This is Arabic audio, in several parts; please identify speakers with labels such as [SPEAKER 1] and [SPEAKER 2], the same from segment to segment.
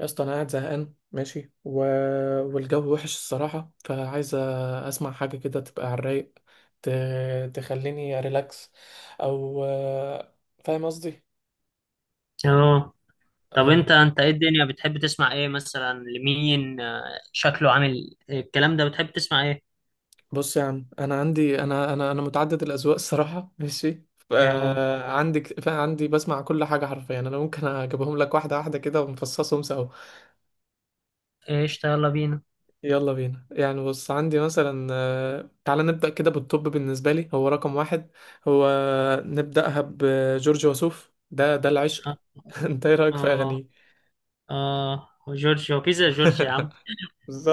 [SPEAKER 1] يا اسطى انا قاعد زهقان ماشي والجو وحش الصراحه، فعايز اسمع حاجه كده تبقى على الرايق، ت... تخليني ريلاكس. او فاهم قصدي.
[SPEAKER 2] اه. طب
[SPEAKER 1] اه.
[SPEAKER 2] انت ايه الدنيا بتحب تسمع ايه مثلا لمين شكله عامل إيه؟ الكلام ده بتحب تسمع ايه.
[SPEAKER 1] بص يا عم، انا عندي انا انا انا متعدد الاذواق الصراحه ماشي. ف-
[SPEAKER 2] اه،
[SPEAKER 1] عندي بسمع كل حاجه حرفيا، انا ممكن اجيبهم لك واحده واحده كده ومفصصهم سوا.
[SPEAKER 2] ايش يلا بينا.
[SPEAKER 1] يلا بينا. يعني بص، عندي مثلا تعالى نبدأ كده بالطب، بالنسبة لي هو رقم واحد. هو نبدأها بجورج وسوف، ده
[SPEAKER 2] اه.
[SPEAKER 1] العشق. انت ايه رأيك في
[SPEAKER 2] اه.
[SPEAKER 1] أغانيه؟
[SPEAKER 2] آه. جورج هو كيزا جورج يا عم.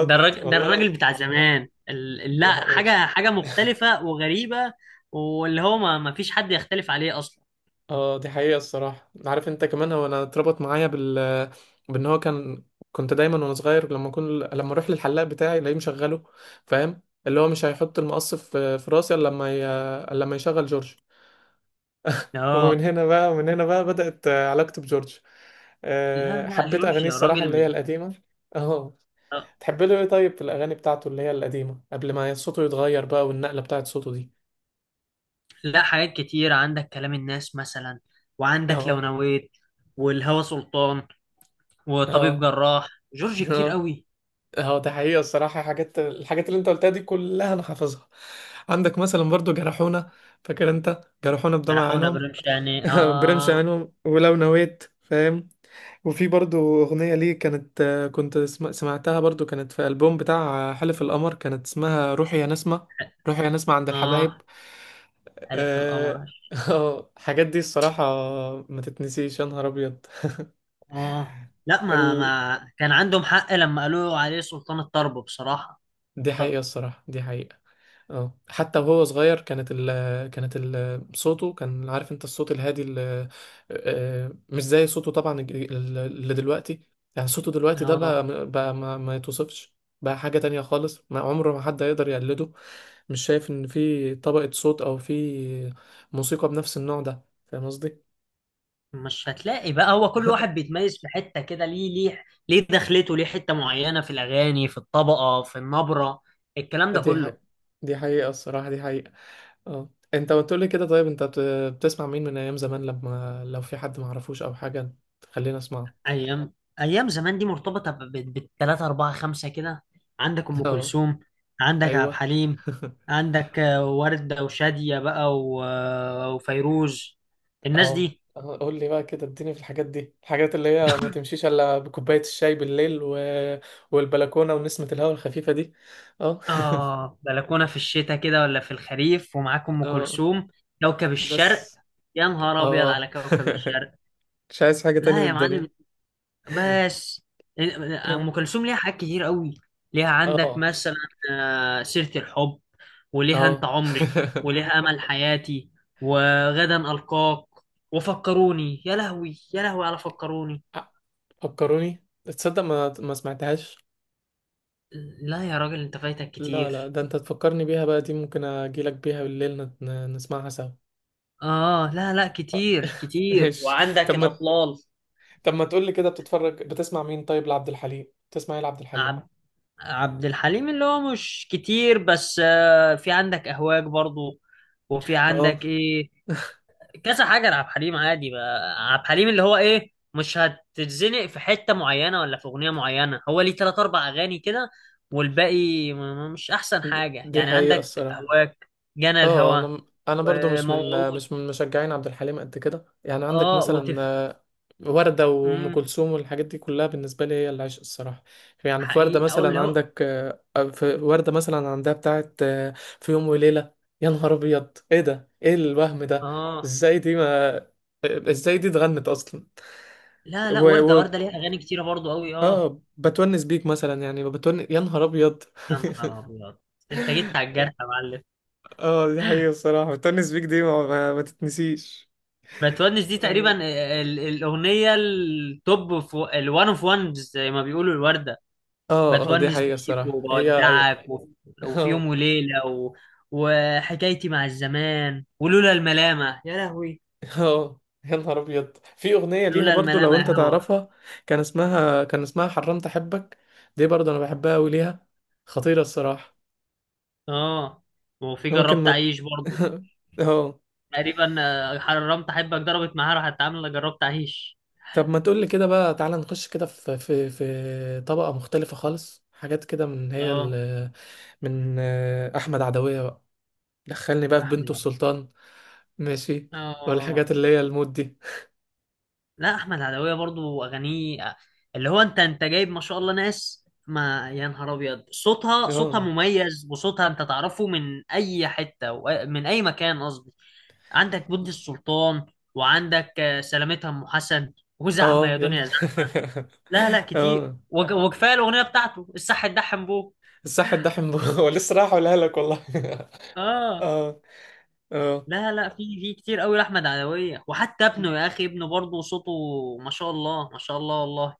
[SPEAKER 2] ده الراجل ده
[SPEAKER 1] والله،
[SPEAKER 2] الراجل
[SPEAKER 1] لازم.
[SPEAKER 2] بتاع زمان
[SPEAKER 1] دي
[SPEAKER 2] لا،
[SPEAKER 1] حقيقة.
[SPEAKER 2] حاجة مختلفة وغريبة. واللي هو ما فيش حد يختلف عليه اصلا.
[SPEAKER 1] اه دي حقيقة الصراحة. عارف انت كمان، هو انا اتربط معايا بان هو كان. كنت دايما وانا صغير لما اروح للحلاق بتاعي الاقيه مشغله. فاهم، اللي هو مش هيحط المقص في راسي إلا لما يشغل جورج.
[SPEAKER 2] اه،
[SPEAKER 1] ومن هنا بقى بدأت علاقتي بجورج.
[SPEAKER 2] لا لا
[SPEAKER 1] حبيت
[SPEAKER 2] جورج
[SPEAKER 1] أغانيه
[SPEAKER 2] يا
[SPEAKER 1] الصراحة
[SPEAKER 2] راجل
[SPEAKER 1] اللي هي
[SPEAKER 2] من.
[SPEAKER 1] القديمة اه.
[SPEAKER 2] آه.
[SPEAKER 1] تحب له ايه طيب في الأغاني بتاعته اللي هي القديمة، قبل ما صوته يتغير بقى، والنقلة بتاعت صوته دي؟
[SPEAKER 2] لا، حاجات كتير، عندك كلام الناس مثلا، وعندك لو
[SPEAKER 1] اه.
[SPEAKER 2] نويت والهوى سلطان وطبيب
[SPEAKER 1] اه.
[SPEAKER 2] جراح، جورج كتير
[SPEAKER 1] اه.
[SPEAKER 2] قوي.
[SPEAKER 1] اه ده حقيقة الصراحة، حاجات الحاجات اللي انت قلتها دي كلها انا حافظها. عندك مثلا برضو جرحونا، فاكر انت جرحونا بدمع
[SPEAKER 2] راحونا
[SPEAKER 1] عينهم؟
[SPEAKER 2] برمش، يعني حقون ابراهيم شاني.
[SPEAKER 1] برمش
[SPEAKER 2] اه.
[SPEAKER 1] عينهم، ولو نويت، فاهم. وفي برضو أغنية ليه كانت، سمعتها برضو، كانت في ألبوم بتاع حلف القمر، كانت اسمها روحي يا نسمة. روحي يا نسمة عند الحبايب.
[SPEAKER 2] اه، حلف
[SPEAKER 1] اه
[SPEAKER 2] القمر.
[SPEAKER 1] الحاجات دي الصراحة، ما تتنسيش، يا نهار أبيض.
[SPEAKER 2] اه، لا، ما
[SPEAKER 1] ال...
[SPEAKER 2] ما كان عندهم حق لما قالوا عليه سلطان الطرب بصراحة.
[SPEAKER 1] دي حقيقة
[SPEAKER 2] طب.
[SPEAKER 1] الصراحة، دي حقيقة. اه حتى وهو صغير، كانت ال كانت ال صوته كان، عارف انت، الصوت الهادي ال آه، مش زي صوته طبعا، اللي دلوقتي. يعني صوته دلوقتي ده
[SPEAKER 2] اه،
[SPEAKER 1] بقى، بقى ما, ما يتوصفش. بقى حاجة تانية خالص، ما عمره ما حد هيقدر يقلده. مش شايف ان في طبقة صوت، او في موسيقى بنفس النوع ده، فاهم قصدي؟
[SPEAKER 2] مش هتلاقي بقى، هو كل واحد بيتميز في حتة كده، ليه ليه ليه دخلته ليه حتة معينة في الأغاني، في الطبقة، في النبرة، الكلام ده
[SPEAKER 1] دي
[SPEAKER 2] كله.
[SPEAKER 1] حقيقة. دي حقيقة الصراحة، دي حقيقة. اه انت بتقول لي كده طيب، بتسمع مين من ايام زمان؟ لما لو في حد ما اعرفوش او حاجة، تخلينا اسمعه.
[SPEAKER 2] ايام، ايام زمان دي مرتبطه بالتلاته اربعه خمسه كده. عندك ام
[SPEAKER 1] اه.
[SPEAKER 2] كلثوم، عندك عبد
[SPEAKER 1] ايوه.
[SPEAKER 2] الحليم، عندك ورده وشاديه بقى و وفيروز الناس
[SPEAKER 1] اه.
[SPEAKER 2] دي.
[SPEAKER 1] قول لي بقى كده، اديني في الحاجات دي، الحاجات اللي هي ما تمشيش الا بكوبايه الشاي بالليل والبلكونه ونسمه الهواء الخفيفه دي. اه
[SPEAKER 2] اه، بلكونه في الشتاء كده ولا في الخريف، ومعاك ام
[SPEAKER 1] اه،
[SPEAKER 2] كلثوم، كوكب الشرق.
[SPEAKER 1] بس
[SPEAKER 2] يا نهار ابيض على
[SPEAKER 1] اه
[SPEAKER 2] كوكب الشرق.
[SPEAKER 1] مش عايز حاجه تاني من
[SPEAKER 2] لا يا
[SPEAKER 1] الدنيا.
[SPEAKER 2] معلم. بس ام كلثوم ليها حاجات كتير قوي، ليها عندك
[SPEAKER 1] اه.
[SPEAKER 2] مثلا سيرة الحب، وليها انت
[SPEAKER 1] اه.
[SPEAKER 2] عمري، وليها امل حياتي، وغدا القاك، وفكروني، يا لهوي يا لهوي على فكروني.
[SPEAKER 1] فكروني، تصدق ما سمعتهاش؟
[SPEAKER 2] لا يا راجل، انت فايتك
[SPEAKER 1] لا لا،
[SPEAKER 2] كتير.
[SPEAKER 1] ده انت تفكرني بيها بقى، دي ممكن اجيلك بيها بالليل، نسمعها سوا.
[SPEAKER 2] اه، لا لا، كتير كتير،
[SPEAKER 1] ماشي.
[SPEAKER 2] وعندك
[SPEAKER 1] طب ما
[SPEAKER 2] الاطلال.
[SPEAKER 1] طب ما تقول لي كده، بتتفرج، بتسمع مين طيب؟ لعبد الحليم، تسمع ايه لعبد الحليم؟
[SPEAKER 2] عب... عبد الحليم اللي هو مش كتير، بس في عندك اهواك برضو، وفي
[SPEAKER 1] اه.
[SPEAKER 2] عندك ايه، كذا حاجه لعبد الحليم. عادي بقى عبد الحليم، اللي هو ايه، مش هتتزنق في حته معينه ولا في اغنيه معينه، هو ليه تلات اربع اغاني كده، والباقي مش احسن حاجه.
[SPEAKER 1] دي
[SPEAKER 2] يعني
[SPEAKER 1] حقيقة
[SPEAKER 2] عندك
[SPEAKER 1] الصراحة.
[SPEAKER 2] هواك، جنى
[SPEAKER 1] اه،
[SPEAKER 2] الهوى،
[SPEAKER 1] انا برضو مش من
[SPEAKER 2] وموعود.
[SPEAKER 1] مش من مشجعين عبد الحليم قد كده. يعني عندك
[SPEAKER 2] اه،
[SPEAKER 1] مثلا
[SPEAKER 2] وتف.
[SPEAKER 1] وردة وأم
[SPEAKER 2] امم
[SPEAKER 1] كلثوم والحاجات دي كلها، بالنسبة لي هي العشق الصراحة. يعني في وردة
[SPEAKER 2] حقيقي، او
[SPEAKER 1] مثلا
[SPEAKER 2] اللي هو
[SPEAKER 1] عندك في وردة مثلا عندها بتاعت في يوم وليلة. يا نهار أبيض، ايه ده، ايه الوهم ده؟
[SPEAKER 2] اه.
[SPEAKER 1] ازاي دي ما ازاي دي اتغنت اصلا؟
[SPEAKER 2] لا لا، ورده ورده ليها اغاني كتيره برضو قوي، اه.
[SPEAKER 1] اه، بتونس بيك مثلا، يعني يا نهار ابيض
[SPEAKER 2] يا نهار ابيض، انت جيت على الجرح يا معلم.
[SPEAKER 1] اه دي حقيقة الصراحة، بتونس بيك دي ما تتنسيش.
[SPEAKER 2] بتونس دي تقريبا
[SPEAKER 1] اه.
[SPEAKER 2] الاغنيه التوب في الوان اوف وانز زي ما بيقولوا الورده.
[SPEAKER 1] اه دي
[SPEAKER 2] بتونس
[SPEAKER 1] حقيقة
[SPEAKER 2] بيك
[SPEAKER 1] الصراحة،
[SPEAKER 2] وبودعك و، وفي يوم
[SPEAKER 1] اه.
[SPEAKER 2] وليلة و، وحكايتي مع الزمان ولولا الملامة يا لهوي،
[SPEAKER 1] اه يا نهار ابيض، في اغنية ليها
[SPEAKER 2] لولا
[SPEAKER 1] برضو لو
[SPEAKER 2] الملامة
[SPEAKER 1] انت
[SPEAKER 2] يا هوا.
[SPEAKER 1] تعرفها، كان اسمها حرمت احبك. دي برضو انا بحبها قوي ليها، خطيرة الصراحة.
[SPEAKER 2] اه، وفي
[SPEAKER 1] ممكن
[SPEAKER 2] جربت
[SPEAKER 1] ما
[SPEAKER 2] أعيش برضه.
[SPEAKER 1] اه.
[SPEAKER 2] تقريبا حرمت أحبك ضربت معاها، راحت عاملة جربت أعيش.
[SPEAKER 1] طب ما تقولي كده بقى، تعالى نخش كده في طبقة مختلفة خالص، حاجات كده من هي
[SPEAKER 2] اه.
[SPEAKER 1] ال من أحمد عدوية بقى. دخلني بقى في
[SPEAKER 2] أحمد
[SPEAKER 1] بنته
[SPEAKER 2] عبد-
[SPEAKER 1] السلطان. ماشي.
[SPEAKER 2] اه،
[SPEAKER 1] والحاجات اللي هي المود دي.
[SPEAKER 2] لا، احمد عدوية برضو اغانيه اللي هو، انت جايب ما شاء الله ناس، ما يا نهار ابيض، صوتها صوتها
[SPEAKER 1] اه.
[SPEAKER 2] مميز، وصوتها انت تعرفه من اي حتة وأ- من اي مكان قصدي. عندك بنت السلطان، وعندك سلامتها ام حسن، وزحمة
[SPEAKER 1] اه،
[SPEAKER 2] يا
[SPEAKER 1] يلا.
[SPEAKER 2] دنيا زحمة. لا لا، كتير
[SPEAKER 1] اه،
[SPEAKER 2] وكفايه الاغنية بتاعته الصح الدحم بو.
[SPEAKER 1] الصح الدحم هو لسه راح اقولها لك، والله
[SPEAKER 2] اه،
[SPEAKER 1] اه. اه.
[SPEAKER 2] لا لا، في في كتير قوي لاحمد عدوية، وحتى ابنه يا اخي، ابنه برضه صوته ما شاء الله، ما شاء الله، والله.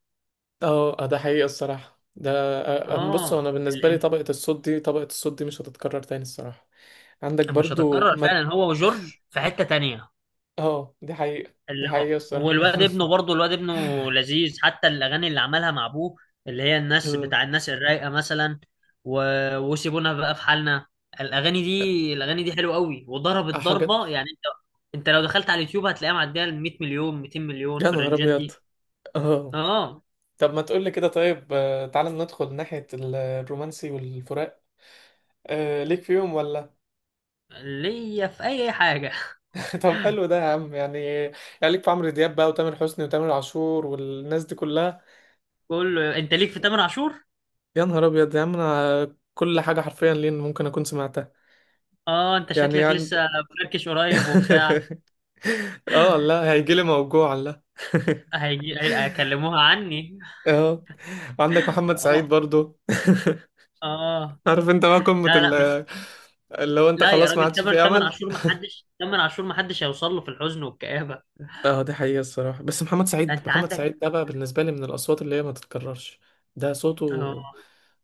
[SPEAKER 1] اه ده حقيقة الصراحة ده. بص،
[SPEAKER 2] اه،
[SPEAKER 1] هو انا بالنسبة لي طبقة الصوت دي، طبقة الصوت دي مش هتتكرر تاني الصراحة. عندك
[SPEAKER 2] مش
[SPEAKER 1] برضو
[SPEAKER 2] هتتكرر
[SPEAKER 1] ما.
[SPEAKER 2] فعلا، هو وجورج في حتة تانية.
[SPEAKER 1] اه، دي حقيقة دي
[SPEAKER 2] اللي
[SPEAKER 1] حقيقة
[SPEAKER 2] هو
[SPEAKER 1] الصراحة.
[SPEAKER 2] والواد ابنه برضه، الواد ابنه لذيذ، حتى الأغاني اللي عملها مع أبوه، اللي هي الناس
[SPEAKER 1] اه
[SPEAKER 2] بتاع الناس الرايقة مثلا، و، وسيبونا بقى في حالنا. الأغاني دي، الأغاني دي حلوة قوي، وضربت
[SPEAKER 1] حاجات
[SPEAKER 2] ضربة. يعني أنت، أنت لو دخلت على اليوتيوب هتلاقيها معدية ال 100 مليون 200 مليون
[SPEAKER 1] يا
[SPEAKER 2] في
[SPEAKER 1] نهار
[SPEAKER 2] الرنجات
[SPEAKER 1] أبيض.
[SPEAKER 2] دي.
[SPEAKER 1] اه.
[SPEAKER 2] أه.
[SPEAKER 1] طب ما تقول لي كده طيب، تعالى ندخل ناحية الرومانسي والفراق. أه ليك فيهم ولا؟
[SPEAKER 2] ليا في أي حاجة.
[SPEAKER 1] طب حلو ده يا عم يعني ليك في عمرو دياب بقى وتامر حسني وتامر عاشور والناس دي كلها.
[SPEAKER 2] كله، أنت ليك في تامر عاشور؟
[SPEAKER 1] يا نهار أبيض يا عم، أنا كل حاجة حرفيا لين ممكن أكون سمعتها.
[SPEAKER 2] أه أنت
[SPEAKER 1] يعني
[SPEAKER 2] شكلك
[SPEAKER 1] عند.
[SPEAKER 2] لسه فركش قريب وبتاع.
[SPEAKER 1] اه لا، هيجيلي موجوع، لا
[SPEAKER 2] هيجي هيكلموها عني.
[SPEAKER 1] اه، عندك محمد سعيد
[SPEAKER 2] آه،
[SPEAKER 1] برضو
[SPEAKER 2] اه،
[SPEAKER 1] عارف انت بقى قمة
[SPEAKER 2] لا لا بس.
[SPEAKER 1] اللي هو، انت
[SPEAKER 2] لا يا
[SPEAKER 1] خلاص ما
[SPEAKER 2] راجل،
[SPEAKER 1] عادش
[SPEAKER 2] تمن
[SPEAKER 1] فيه
[SPEAKER 2] تمن
[SPEAKER 1] امل.
[SPEAKER 2] عاشور ما حدش، تمن عاشور ما حدش هيوصل له في الحزن والكآبة.
[SPEAKER 1] اه دي حقيقة الصراحة. بس محمد سعيد،
[SPEAKER 2] انت
[SPEAKER 1] محمد
[SPEAKER 2] عندك.
[SPEAKER 1] سعيد ده بقى بالنسبة لي من الأصوات اللي هي ما تتكررش. ده
[SPEAKER 2] اه،
[SPEAKER 1] صوته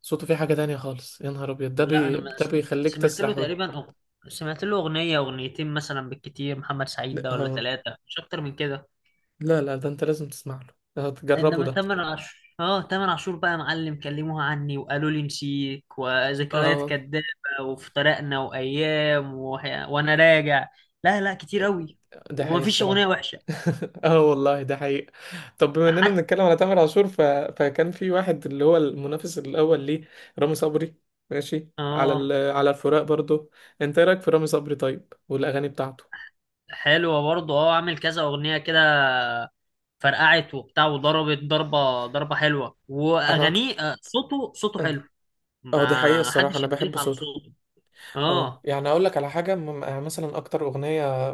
[SPEAKER 1] صوته فيه حاجة تانية خالص، يا نهار أبيض،
[SPEAKER 2] لا انا ما
[SPEAKER 1] ده
[SPEAKER 2] سم-
[SPEAKER 1] بيخليك
[SPEAKER 2] سمعت له
[SPEAKER 1] تسرح
[SPEAKER 2] تقريبا سمعت له اغنية اغنيتين مثلا بالكتير محمد سعيد ده، ولا
[SPEAKER 1] اه.
[SPEAKER 2] ثلاثة، مش اكتر من كده.
[SPEAKER 1] لا لا، ده انت لازم تسمع له، اه، تجربه
[SPEAKER 2] انما
[SPEAKER 1] ده.
[SPEAKER 2] تمن عاشور، اه تمن عاشور بقى يا معلم، كلموها عني، وقالوا لي نسيك، وذكريات
[SPEAKER 1] اه
[SPEAKER 2] كدابة، وافترقنا، وايام، وانا راجع. لا لا كتير قوي،
[SPEAKER 1] ده حقيقي
[SPEAKER 2] ومفيش اغنية
[SPEAKER 1] الصراحة.
[SPEAKER 2] وحشة
[SPEAKER 1] اه والله ده حقيقي. طب بما اننا
[SPEAKER 2] حتى.
[SPEAKER 1] بنتكلم على تامر عاشور فكان في واحد اللي هو المنافس الاول ليه، رامي صبري، ماشي على
[SPEAKER 2] اه،
[SPEAKER 1] على الفراق برضو. انت إيه رايك في رامي صبري طيب، والاغاني بتاعته؟
[SPEAKER 2] حلوة برضه. اه، عامل كذا أغنية كده، فرقعت وبتاع، وضربت ضربة، ضربة حلوة،
[SPEAKER 1] انا اكتر.
[SPEAKER 2] وأغانيه صوته صوته حلو،
[SPEAKER 1] اه دي حقيقة
[SPEAKER 2] ما
[SPEAKER 1] الصراحة،
[SPEAKER 2] حدش
[SPEAKER 1] انا بحب
[SPEAKER 2] يختلف على
[SPEAKER 1] صوته.
[SPEAKER 2] صوته.
[SPEAKER 1] اه،
[SPEAKER 2] اه.
[SPEAKER 1] يعني اقول لك على حاجة، مثلا اكتر اغنية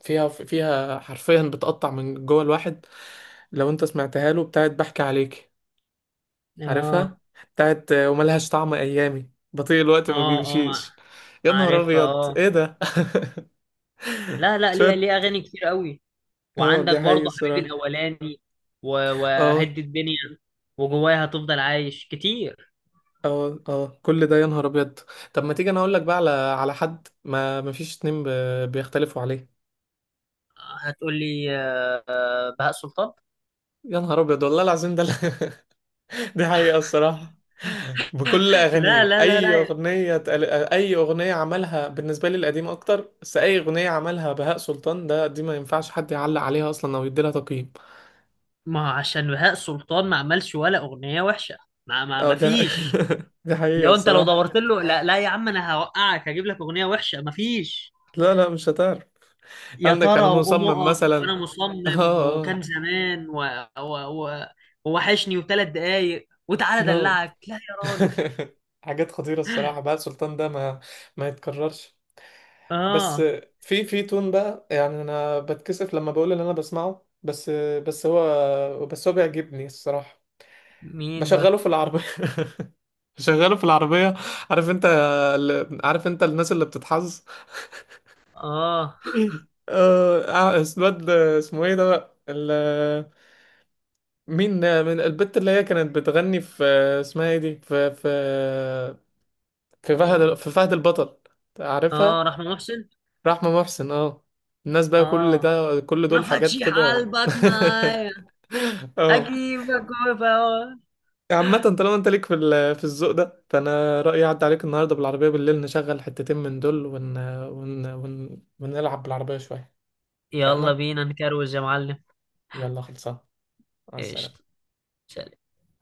[SPEAKER 1] فيها حرفيا بتقطع من جوه الواحد لو انت سمعتها له، بتاعت بحكي عليكي،
[SPEAKER 2] اه.
[SPEAKER 1] عارفها؟ بتاعت وملهاش طعم ايامي، بطيء الوقت ما
[SPEAKER 2] اه. اه،
[SPEAKER 1] بيمشيش. يا نهار
[SPEAKER 2] عارفها.
[SPEAKER 1] ابيض
[SPEAKER 2] اه،
[SPEAKER 1] ايه ده
[SPEAKER 2] لا لا، ليه ليه
[SPEAKER 1] شوت.
[SPEAKER 2] أغاني كتير قوي.
[SPEAKER 1] اه
[SPEAKER 2] وعندك
[SPEAKER 1] دي حقيقة
[SPEAKER 2] برضه حبيبي
[SPEAKER 1] الصراحة.
[SPEAKER 2] الأولاني، و،
[SPEAKER 1] اه.
[SPEAKER 2] وهدي الدنيا، وجوايا هتفضل عايش، كتير.
[SPEAKER 1] اه. اه كل ده يا نهار ابيض. طب ما تيجي انا اقول لك بقى على حد ما فيش اتنين بيختلفوا عليه.
[SPEAKER 2] هتقول لي بهاء سلطان.
[SPEAKER 1] يا نهار ابيض والله العظيم، دي حقيقة الصراحة. بكل
[SPEAKER 2] لا
[SPEAKER 1] اغانيه،
[SPEAKER 2] لا لا لا.
[SPEAKER 1] اي اغنية عملها، بالنسبة لي القديمة اكتر، بس اي اغنية عملها بهاء سلطان ده، دي ما ينفعش حد يعلق عليها اصلا او يديلها تقييم.
[SPEAKER 2] ما هو عشان بهاء سلطان ما عملش ولا أغنية وحشة، ما ما
[SPEAKER 1] اه
[SPEAKER 2] ما
[SPEAKER 1] ده
[SPEAKER 2] فيش.
[SPEAKER 1] ده حقيقة
[SPEAKER 2] لو انت لو
[SPEAKER 1] الصراحة.
[SPEAKER 2] دورت له، لا لا يا عم، انا هوقعك، هجيب لك أغنية وحشة ما فيش.
[SPEAKER 1] لا لا، مش هتعرف.
[SPEAKER 2] يا
[SPEAKER 1] عندك
[SPEAKER 2] ترى،
[SPEAKER 1] انا
[SPEAKER 2] وقوم
[SPEAKER 1] مصمم
[SPEAKER 2] اقف، وانا
[SPEAKER 1] مثلا اه.
[SPEAKER 2] مصمم،
[SPEAKER 1] اه.
[SPEAKER 2] وكان زمان، و، و، و، ووحشني، وثلاث دقايق، وتعالى
[SPEAKER 1] اه
[SPEAKER 2] ادلعك. لا يا راجل.
[SPEAKER 1] حاجات خطيرة الصراحة بقى، السلطان ده ما يتكررش. بس.
[SPEAKER 2] اه.
[SPEAKER 1] في تون بقى، يعني انا بتكسف لما بقول اللي انا بسمعه، بس بس هو بيعجبني الصراحة.
[SPEAKER 2] مين ده.
[SPEAKER 1] بشغله في العربية بشغله في العربية. عارف انت عارف انت الناس اللي بتتحظ
[SPEAKER 2] اه.
[SPEAKER 1] اه اسمه، اسمه ايه ده بقى ال- مين ده؟ من البت اللي هي كانت بتغني في، اسمها ايه، دي في في فهد،
[SPEAKER 2] إيه.
[SPEAKER 1] في فهد البطل.
[SPEAKER 2] اه،
[SPEAKER 1] عارفها؟
[SPEAKER 2] رحمة محسن.
[SPEAKER 1] رحمة محسن، اه. الناس بقى،
[SPEAKER 2] اه،
[SPEAKER 1] كل
[SPEAKER 2] ما
[SPEAKER 1] دول حاجات
[SPEAKER 2] فتشي
[SPEAKER 1] كده.
[SPEAKER 2] حلبك معايا،
[SPEAKER 1] اه.
[SPEAKER 2] اجيبك وفوا.
[SPEAKER 1] عامة طالما انت ليك في في الذوق ده، فانا رأيي اعدي عليك النهاردة بالعربية بالليل، نشغل حتتين من دول، ون ون ون ونلعب بالعربية شوية.
[SPEAKER 2] يلا
[SPEAKER 1] اتفقنا.
[SPEAKER 2] بينا نكروز يا معلم.
[SPEAKER 1] يلا خلصان. مع
[SPEAKER 2] ايش.
[SPEAKER 1] السلامة.
[SPEAKER 2] ش-